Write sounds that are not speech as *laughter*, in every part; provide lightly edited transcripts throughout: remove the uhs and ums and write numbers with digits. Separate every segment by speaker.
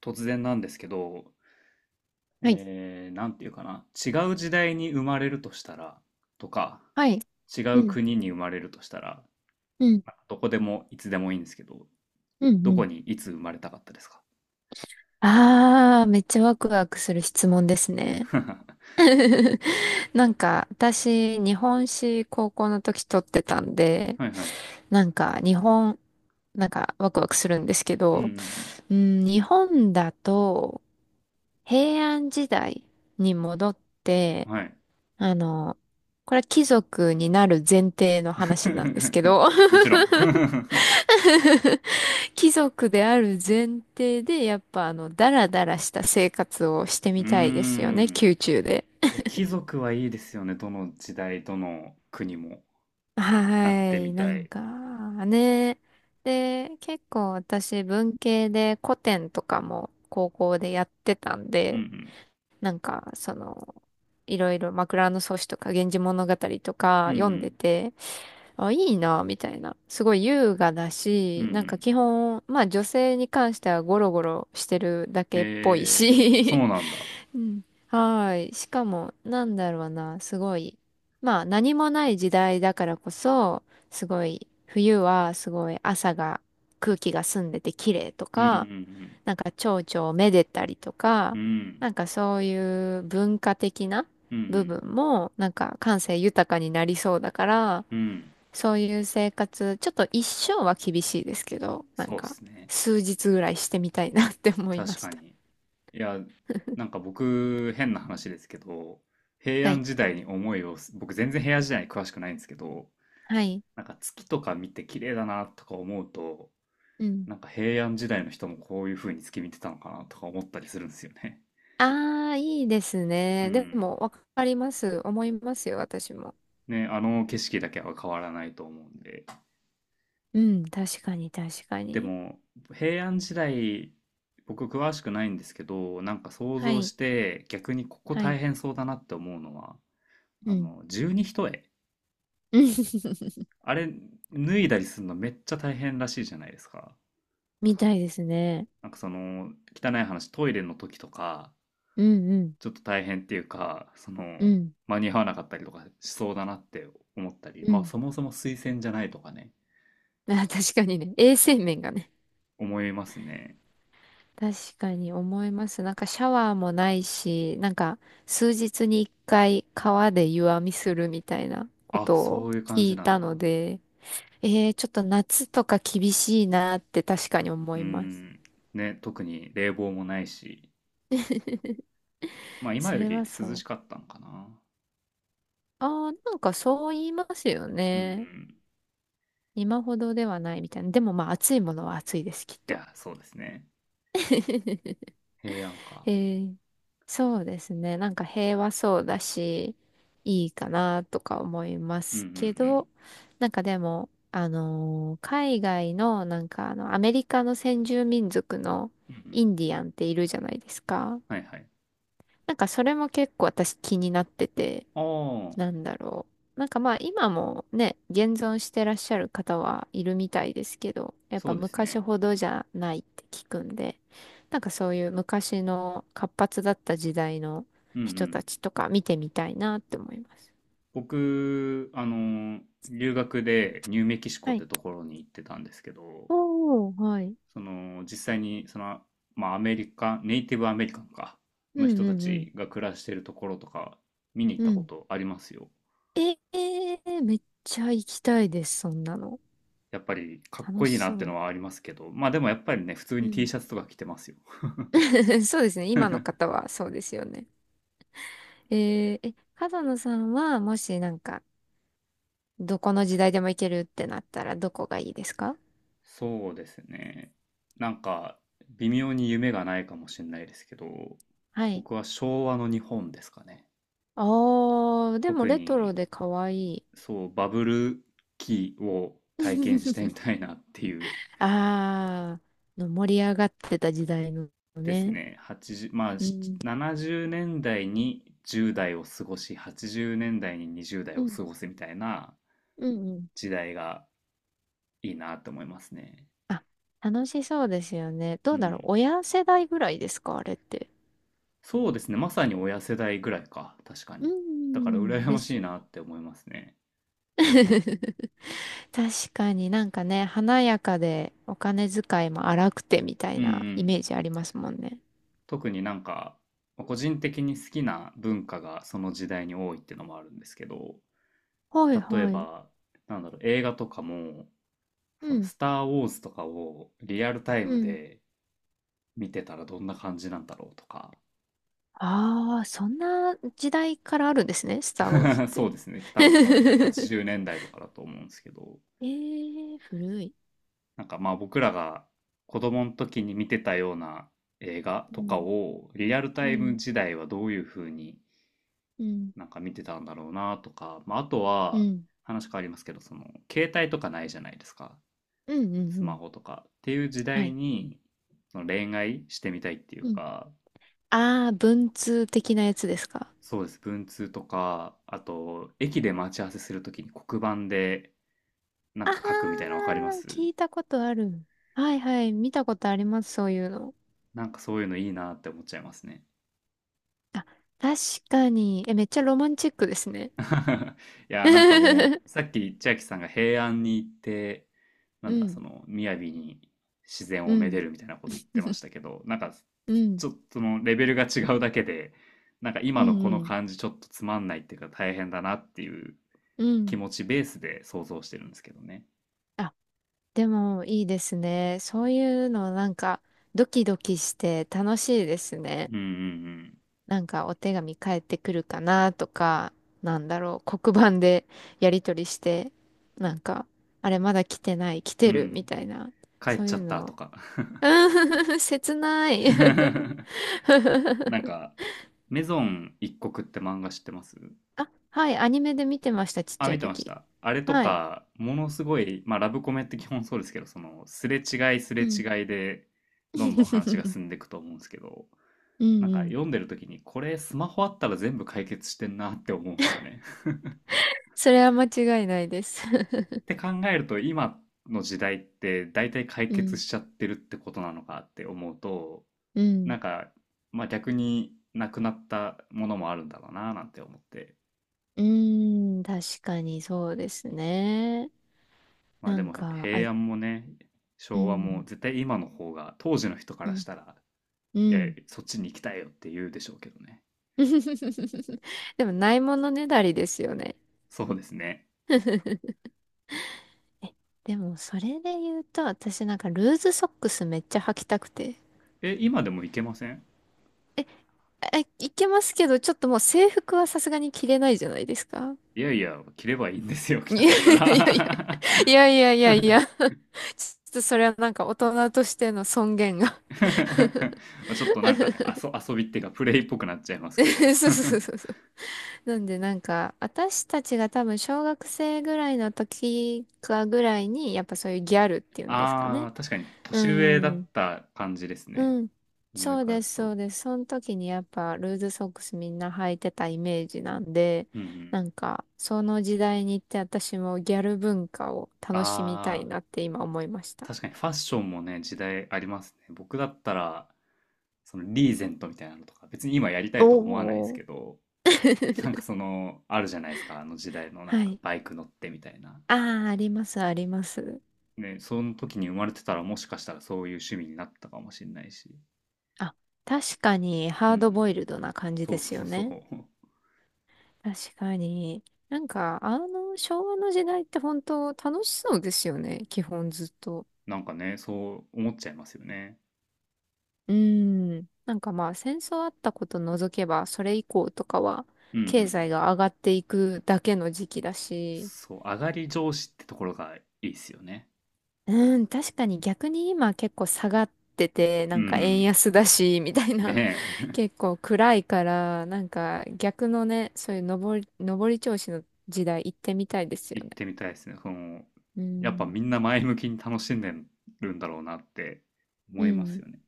Speaker 1: 突然なんですけど、
Speaker 2: はい。
Speaker 1: なんていうかな、違う時代に生まれるとしたら、とか、
Speaker 2: はい。
Speaker 1: 違
Speaker 2: う
Speaker 1: う
Speaker 2: ん。
Speaker 1: 国に生まれるとしたら、
Speaker 2: うん。
Speaker 1: まあどこでもいつでもいいんですけど、
Speaker 2: うん。
Speaker 1: ど
Speaker 2: う
Speaker 1: こ
Speaker 2: ん。
Speaker 1: にいつ生まれたかったですか？
Speaker 2: ああ、めっちゃワクワクする質問ですね。
Speaker 1: *laughs*
Speaker 2: *laughs* なんか、私、日本史高校の時取ってたんで、
Speaker 1: はいはい。
Speaker 2: なんか、日本、なんか、ワクワクするんですけ
Speaker 1: うんう
Speaker 2: ど、
Speaker 1: ん
Speaker 2: うん、日本だと、平安時代に戻っ
Speaker 1: う
Speaker 2: て、
Speaker 1: ん。はい。
Speaker 2: あの、これは貴族になる前提の話なんですけど。
Speaker 1: *laughs* もちろん。*laughs*
Speaker 2: *laughs* *laughs* 貴族である前提で、やっぱダラダラした生活をして
Speaker 1: うー
Speaker 2: みたいですよね、
Speaker 1: ん。
Speaker 2: 宮中で。
Speaker 1: いや、貴族はいいですよね。どの時代、どの国もなっ
Speaker 2: は
Speaker 1: て
Speaker 2: い、
Speaker 1: み
Speaker 2: な
Speaker 1: た
Speaker 2: ん
Speaker 1: い。
Speaker 2: か、ね。で、結構私文系で古典とかも高校でやってたん
Speaker 1: うんう
Speaker 2: で、
Speaker 1: ん。
Speaker 2: なんか、いろいろ枕草子とか源氏物語と
Speaker 1: う
Speaker 2: か
Speaker 1: んう
Speaker 2: 読んで
Speaker 1: ん。
Speaker 2: て、あ、いいな、みたいな。すごい優雅だ
Speaker 1: うんう
Speaker 2: し、なんか
Speaker 1: ん。
Speaker 2: 基本、まあ女性に関してはゴロゴロしてるだけっぽい
Speaker 1: へえ、そ
Speaker 2: し。
Speaker 1: うなんだ。
Speaker 2: *laughs* うん。はーい。しかも、なんだろうな、すごい。まあ何もない時代だからこそ、すごい、冬はすごい朝が、空気が澄んでて綺麗と
Speaker 1: うんうんう
Speaker 2: か、
Speaker 1: ん。
Speaker 2: なんか蝶々をめでたりとか、
Speaker 1: う
Speaker 2: な
Speaker 1: ん、
Speaker 2: んかそういう文化的な
Speaker 1: う
Speaker 2: 部
Speaker 1: ん、
Speaker 2: 分も、なんか感性豊かになりそうだから、
Speaker 1: うん、うん、
Speaker 2: そういう生活、ちょっと一生は厳しいですけど、なん
Speaker 1: そうで
Speaker 2: か、
Speaker 1: すね。
Speaker 2: 数日ぐらいしてみたいなって思いま
Speaker 1: 確
Speaker 2: し
Speaker 1: か
Speaker 2: た。
Speaker 1: に。いや、なんか僕、変な話ですけど、平
Speaker 2: は
Speaker 1: 安
Speaker 2: い。
Speaker 1: 時代に思いをす、僕全然平安時代に詳しくないんですけど、
Speaker 2: はい。
Speaker 1: なんか月とか見て綺麗だなとか思うと、
Speaker 2: うん。
Speaker 1: なんか平安時代の人もこういう風に月見てたのかなとか思ったりするんですよね。
Speaker 2: ああ、いいです
Speaker 1: う
Speaker 2: ね。で
Speaker 1: ん。
Speaker 2: も、わかります。思いますよ、私も。
Speaker 1: ね、あの景色だけは変わらないと思うんで。
Speaker 2: うん、確かに、確か
Speaker 1: で
Speaker 2: に。
Speaker 1: も平安時代、僕詳しくないんですけど、なんか想
Speaker 2: は
Speaker 1: 像し
Speaker 2: い。
Speaker 1: て逆にここ
Speaker 2: は
Speaker 1: 大
Speaker 2: い。
Speaker 1: 変そうだなって思うのは、
Speaker 2: う
Speaker 1: あ
Speaker 2: ん。
Speaker 1: の十二単、
Speaker 2: *laughs*
Speaker 1: あれ脱いだりするのめっちゃ大変らしいじゃないですか。
Speaker 2: みたいですね。
Speaker 1: なんかその、汚い話、トイレの時とか
Speaker 2: うん、うん。
Speaker 1: ちょっと大変っていうか、その、
Speaker 2: うん。
Speaker 1: 間に合わなかったりとかしそうだなって思ったり。
Speaker 2: う
Speaker 1: まあ
Speaker 2: ん。
Speaker 1: そもそも推薦じゃないとかね。
Speaker 2: *laughs* あー、確かにね。衛生面がね。
Speaker 1: 思いますね。
Speaker 2: 確かに思います。なんかシャワーもないし、なんか数日に一回川で湯あみするみたいなこ
Speaker 1: あ、
Speaker 2: とを
Speaker 1: そういう感
Speaker 2: 聞
Speaker 1: じ
Speaker 2: い
Speaker 1: なん
Speaker 2: た
Speaker 1: だ。
Speaker 2: ので、ちょっと夏とか厳しいなって確かに
Speaker 1: う
Speaker 2: 思
Speaker 1: ー
Speaker 2: います。
Speaker 1: ん。ね、特に冷房もないし。
Speaker 2: *laughs*
Speaker 1: まあ、今
Speaker 2: そ
Speaker 1: よ
Speaker 2: れ
Speaker 1: り
Speaker 2: は
Speaker 1: 涼
Speaker 2: そ
Speaker 1: し
Speaker 2: う。
Speaker 1: かったんかな。
Speaker 2: ああ、なんかそう言いますよ
Speaker 1: うんう
Speaker 2: ね。
Speaker 1: ん。
Speaker 2: 今ほどではないみたいな。でもまあ暑いものは暑いです、きっ
Speaker 1: い
Speaker 2: と。
Speaker 1: や、そうですね。
Speaker 2: *laughs*
Speaker 1: 平安か。
Speaker 2: えーそうですね。なんか平和そうだし、いいかなとか思いま
Speaker 1: うんうんう
Speaker 2: すけ
Speaker 1: ん。
Speaker 2: ど、なんかでも、海外の、なんかアメリカの先住民族の
Speaker 1: うんう
Speaker 2: イ
Speaker 1: ん。
Speaker 2: ンディアンっているじゃないですか。
Speaker 1: はいはい。
Speaker 2: なんかそれも結構私気になってて、
Speaker 1: ああ、
Speaker 2: なんだろう。なんかまあ今もね、現存してらっしゃる方はいるみたいですけど、やっ
Speaker 1: そ
Speaker 2: ぱ
Speaker 1: うです
Speaker 2: 昔
Speaker 1: ね。
Speaker 2: ほどじゃないって聞くんで、なんかそういう昔の活発だった時代の
Speaker 1: うんう
Speaker 2: 人た
Speaker 1: ん。
Speaker 2: ちとか見てみたいなって思います。
Speaker 1: 僕、留学でニューメキシコっ
Speaker 2: はい。
Speaker 1: てところに行ってたんですけど、
Speaker 2: おー、はい。
Speaker 1: その、実際に、その、まあ、アメリカ、ネイティブアメリカンか、
Speaker 2: う
Speaker 1: の
Speaker 2: ん
Speaker 1: 人
Speaker 2: う
Speaker 1: た
Speaker 2: んうん。
Speaker 1: ちが暮らしてるところとか、見に行っ
Speaker 2: う
Speaker 1: たこ
Speaker 2: ん。
Speaker 1: とありますよ。
Speaker 2: ええー、めっちゃ行きたいです、そんなの。
Speaker 1: やっぱり、かっ
Speaker 2: 楽
Speaker 1: こい
Speaker 2: し
Speaker 1: いなって
Speaker 2: そ
Speaker 1: のはありますけど、まあでもやっぱりね、普通
Speaker 2: う。う
Speaker 1: に T
Speaker 2: ん。
Speaker 1: シャツとか着てますよ。
Speaker 2: *laughs* そうですね、今の方
Speaker 1: *laughs*
Speaker 2: はそうですよね。え角野さんはもしなんかどこの時代でも行けるってなったらどこがいいですか？
Speaker 1: そうですね。なんか、微妙に夢がないかもしれないですけど、
Speaker 2: はい。
Speaker 1: 僕は昭和の日本ですかね。
Speaker 2: あー、でも
Speaker 1: 特
Speaker 2: レトロ
Speaker 1: に、
Speaker 2: で可愛い。
Speaker 1: そう、バブル期を体験してみ
Speaker 2: *laughs*
Speaker 1: たいなっていう
Speaker 2: あー、の盛り上がってた時代の
Speaker 1: です
Speaker 2: ね。
Speaker 1: ね。80、まあ、
Speaker 2: うん。
Speaker 1: 70年代に10代を過ごし、80年代に20
Speaker 2: う
Speaker 1: 代を
Speaker 2: ん。
Speaker 1: 過ごすみたいな
Speaker 2: うんうん。
Speaker 1: 時代がいいなと思いますね。
Speaker 2: あ、楽しそうですよね。ど
Speaker 1: う
Speaker 2: うだろう。
Speaker 1: ん。
Speaker 2: 親世代ぐらいですかあれって？
Speaker 1: そうですね。まさに親世代ぐらいか。確か
Speaker 2: う
Speaker 1: に。だから
Speaker 2: ん。
Speaker 1: 羨
Speaker 2: で
Speaker 1: まし
Speaker 2: す。
Speaker 1: いなって思いますね。
Speaker 2: *laughs* 確かになんかね、華やかでお金遣いも荒くてみた
Speaker 1: う
Speaker 2: い
Speaker 1: んう
Speaker 2: なイ
Speaker 1: ん。
Speaker 2: メージありますもんね。
Speaker 1: 特になんか、まあ個人的に好きな文化がその時代に多いっていうのもあるんですけど、
Speaker 2: はい
Speaker 1: 例え
Speaker 2: はい。
Speaker 1: ば、なんだろう、映画とかも、
Speaker 2: う
Speaker 1: その
Speaker 2: ん。
Speaker 1: スター・ウォーズとかをリアルタイ
Speaker 2: う
Speaker 1: ム
Speaker 2: ん。
Speaker 1: で見てたらどんな感じなんだろうとか、
Speaker 2: ああ、そんな時代からあるんですね、スター・ウォーズっ
Speaker 1: *laughs* そ
Speaker 2: て。
Speaker 1: うですね。多分その80
Speaker 2: *laughs*
Speaker 1: 年代とかだと思うんですけど、
Speaker 2: ええー古い。
Speaker 1: なんかまあ僕らが子供の時に見てたような映画
Speaker 2: う
Speaker 1: とか
Speaker 2: ん、
Speaker 1: をリアル
Speaker 2: う
Speaker 1: タイム
Speaker 2: ん、
Speaker 1: 時代はどういう風に
Speaker 2: うん、
Speaker 1: なんか見てたんだろうなとか、まあ、あと
Speaker 2: う
Speaker 1: は
Speaker 2: ん、
Speaker 1: 話変わりますけど、その携帯とかないじゃないですか。
Speaker 2: うん、うん、
Speaker 1: ス
Speaker 2: う
Speaker 1: マ
Speaker 2: ん。
Speaker 1: ホとかっていう時
Speaker 2: は
Speaker 1: 代
Speaker 2: い。
Speaker 1: にその恋愛してみたいっていう
Speaker 2: うん。
Speaker 1: か。
Speaker 2: ああ、文通的なやつですか？
Speaker 1: そうです。文通とかあと駅で待ち合わせする時に黒板でな
Speaker 2: あ
Speaker 1: んか書くみたいなの
Speaker 2: あ、
Speaker 1: 分かります？
Speaker 2: 聞いたことある。はいはい、見たことあります、そういうの。
Speaker 1: なんかそういうのいいなって思っちゃいますね。
Speaker 2: あ、確かに。え、めっちゃロマンチックですね。
Speaker 1: *laughs* いや、なんかも
Speaker 2: *laughs*
Speaker 1: う、さっき千秋さんが平安に行って、な
Speaker 2: う
Speaker 1: んだ、そ
Speaker 2: ん、
Speaker 1: の、雅に自然
Speaker 2: う
Speaker 1: をめで
Speaker 2: ん、
Speaker 1: るみたいなこと言ってましたけど、なんか、
Speaker 2: うん、
Speaker 1: ちょっとそのレベルが違うだけで、なんか
Speaker 2: う
Speaker 1: 今のこの
Speaker 2: ん、う
Speaker 1: 感じちょっとつまんないっていうか大変だなっていう
Speaker 2: ん、う
Speaker 1: 気
Speaker 2: ん。
Speaker 1: 持ちベースで想像してるんですけどね。
Speaker 2: あ、でもいいですね。そういうのなんかドキドキして楽しいですね。
Speaker 1: うんうん
Speaker 2: なんかお手紙返ってくるかなとか、なんだろう、黒板でやり取りして、なんか、あれまだ来てない、来
Speaker 1: う
Speaker 2: て
Speaker 1: ん。う
Speaker 2: るみ
Speaker 1: ん。
Speaker 2: たいな、
Speaker 1: 帰っ
Speaker 2: そう
Speaker 1: ちゃ
Speaker 2: いう
Speaker 1: ったと
Speaker 2: の。
Speaker 1: か。
Speaker 2: *laughs* うん、*laughs* 切ない。
Speaker 1: *laughs*
Speaker 2: *laughs*
Speaker 1: なんか、メゾン一国って漫画知ってます？
Speaker 2: あ、はい、アニメで見てました、ちっ
Speaker 1: あ、
Speaker 2: ちゃ
Speaker 1: 見
Speaker 2: い
Speaker 1: てまし
Speaker 2: 時。
Speaker 1: た。あれと
Speaker 2: はい。
Speaker 1: か、ものすごい、まあ、ラブコメって基本そうですけど、その、すれ違いすれ
Speaker 2: うん。
Speaker 1: 違いで、どんどん話が
Speaker 2: *laughs*
Speaker 1: 進んでいくと思うんですけど、
Speaker 2: うん
Speaker 1: なんか
Speaker 2: うん。
Speaker 1: 読んでる時に、これスマホあったら全部解決してんなって思うんですよね。*laughs*
Speaker 2: それは間違いないです。
Speaker 1: って
Speaker 2: *laughs*
Speaker 1: 考えると、今の時代って大体解
Speaker 2: う
Speaker 1: 決
Speaker 2: ん。
Speaker 1: しちゃってるってことなのかって思うと、
Speaker 2: う
Speaker 1: な
Speaker 2: ん。
Speaker 1: んか、まあ逆になくなったものもあるんだろうななんて思って。
Speaker 2: うーん、確かにそうですね。
Speaker 1: まあ
Speaker 2: な
Speaker 1: で
Speaker 2: ん
Speaker 1: も
Speaker 2: か、あ、
Speaker 1: 平安もね、
Speaker 2: う
Speaker 1: 昭和も
Speaker 2: ん、
Speaker 1: 絶対今の方が当時の人か
Speaker 2: う
Speaker 1: らし
Speaker 2: ん、
Speaker 1: たら、
Speaker 2: う
Speaker 1: いやいや、
Speaker 2: ん。
Speaker 1: そっちに行きたいよって言うでしょうけどね。
Speaker 2: *laughs* でも、ないものねだりですよね。
Speaker 1: そうですね。
Speaker 2: *laughs* え、でも、それで言うと、私なんか、ルーズソックスめっちゃ履きたくて。
Speaker 1: え、今でも行けません？
Speaker 2: え、あいけますけど、ちょっともう制服はさすがに着れないじゃないですか。
Speaker 1: いやいや、着ればいいんですよ、*laughs* 着たかった
Speaker 2: *laughs*
Speaker 1: ら。
Speaker 2: いやいやいや、いやいやいやいや、*laughs*
Speaker 1: *laughs*
Speaker 2: ちょっとそれはなんか大人としての尊厳が。
Speaker 1: ちょっとなんかね、遊びっていうか、プレイっぽくなっちゃいますけど。
Speaker 2: *laughs* そうそうそうそう。なんでなんか、私たちが多分小学生ぐらいの時かぐらいに、やっぱそういうギャルってい
Speaker 1: *laughs*
Speaker 2: うんですか
Speaker 1: あ
Speaker 2: ね。
Speaker 1: あ、確かに、
Speaker 2: う
Speaker 1: 年上だっ
Speaker 2: ん。
Speaker 1: た感じですね。
Speaker 2: うん。
Speaker 1: 思
Speaker 2: そ
Speaker 1: い
Speaker 2: う
Speaker 1: 返
Speaker 2: です、
Speaker 1: す
Speaker 2: そ
Speaker 1: と。
Speaker 2: うです。その時にやっぱルーズソックスみんな履いてたイメージなんで、
Speaker 1: うんうん。
Speaker 2: なんか、その時代に行って私もギャル文化を楽しみたい
Speaker 1: ああ、
Speaker 2: なって今思いました。
Speaker 1: 確かにファッションもね、時代ありますね。僕だったら、そのリーゼントみたいなのとか、別に今やりた
Speaker 2: お
Speaker 1: いと思わないです
Speaker 2: お。
Speaker 1: けど、*laughs* なんか
Speaker 2: *laughs*
Speaker 1: その、あるじゃないですか、あの時代のなん
Speaker 2: は
Speaker 1: か
Speaker 2: い。
Speaker 1: バイク乗ってみたいな。
Speaker 2: ああ、あります、あります。
Speaker 1: ね、その時に生まれてたらもしかしたらそういう趣味になったかもしれないし。
Speaker 2: あ、確かに
Speaker 1: う
Speaker 2: ハード
Speaker 1: ん。
Speaker 2: ボイルドな感じ
Speaker 1: そ
Speaker 2: で
Speaker 1: う
Speaker 2: す
Speaker 1: そ
Speaker 2: よ
Speaker 1: うそ
Speaker 2: ね。
Speaker 1: う。
Speaker 2: 確かに。なんか、昭和の時代って本当楽しそうですよね。基本ずっと。
Speaker 1: *laughs* なんかね、そう思っちゃいますよね。
Speaker 2: うーん。なんかまあ、戦争あったこと除けば、それ以降とかは、
Speaker 1: うんう
Speaker 2: 経
Speaker 1: ん。
Speaker 2: 済が上がっていくだけの時期だし。
Speaker 1: そう、上がり調子ってところがいいっすよね。うん。
Speaker 2: うん、確かに逆に今結構下がってて、
Speaker 1: う
Speaker 2: なんか円
Speaker 1: ん
Speaker 2: 安だし、みたい
Speaker 1: うん。ね
Speaker 2: な。*laughs*
Speaker 1: え。
Speaker 2: 結構暗いから、なんか逆のね、そういう上り調子の時代行ってみたいです
Speaker 1: *laughs*
Speaker 2: よ
Speaker 1: 行っ
Speaker 2: ね。
Speaker 1: てみたいですね。その、
Speaker 2: う
Speaker 1: やっぱ
Speaker 2: ん。
Speaker 1: みんな前向きに楽しんでるんだろうなって
Speaker 2: う
Speaker 1: 思います
Speaker 2: ん、
Speaker 1: よね。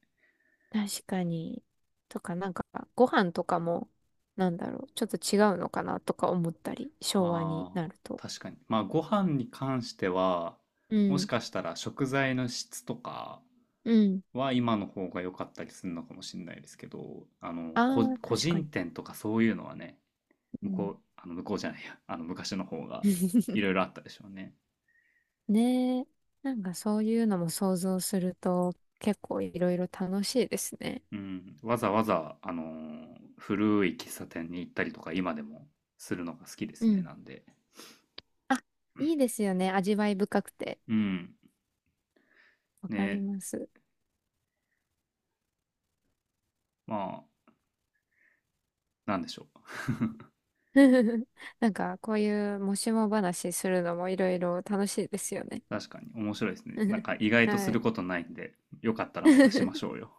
Speaker 2: 確かに。とか、なんか、ご飯とかも、なんだろう、ちょっと違うのかなとか思ったり、昭和に
Speaker 1: ああ、
Speaker 2: なると。
Speaker 1: 確かに。まあ、ご飯に関しては、
Speaker 2: う
Speaker 1: もし
Speaker 2: ん、
Speaker 1: かしたら食材の質とか
Speaker 2: うん。
Speaker 1: は今の方が良かったりするのかもしれないですけど、
Speaker 2: ああ、
Speaker 1: 個
Speaker 2: 確か
Speaker 1: 人
Speaker 2: に。
Speaker 1: 店とかそういうのはね、
Speaker 2: う
Speaker 1: 向こ
Speaker 2: ん。
Speaker 1: う、向こうじゃないや、昔の方がいろい
Speaker 2: *laughs*
Speaker 1: ろあったでしょうね。
Speaker 2: ねえ。なんかそういうのも想像すると、結構いろいろ楽しいですね。
Speaker 1: うん。わざわざ、古い喫茶店に行ったりとか今でもするのが好きで
Speaker 2: う
Speaker 1: すね、
Speaker 2: ん。
Speaker 1: なんで。
Speaker 2: あ、いいですよね。味わい深くて。
Speaker 1: うん。
Speaker 2: わかり
Speaker 1: ね、
Speaker 2: ます。
Speaker 1: まあ、なんでしょう。*laughs*
Speaker 2: *laughs* なんか、こういうもしも話するのもいろいろ楽しいですよね。
Speaker 1: 確かに面白いですね。なんか
Speaker 2: *laughs*
Speaker 1: 意外とす
Speaker 2: は
Speaker 1: る
Speaker 2: い。
Speaker 1: ことないんで、よかったらまたしま
Speaker 2: *laughs*
Speaker 1: しょうよ。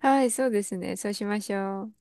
Speaker 2: はい、そうですね。そうしましょう。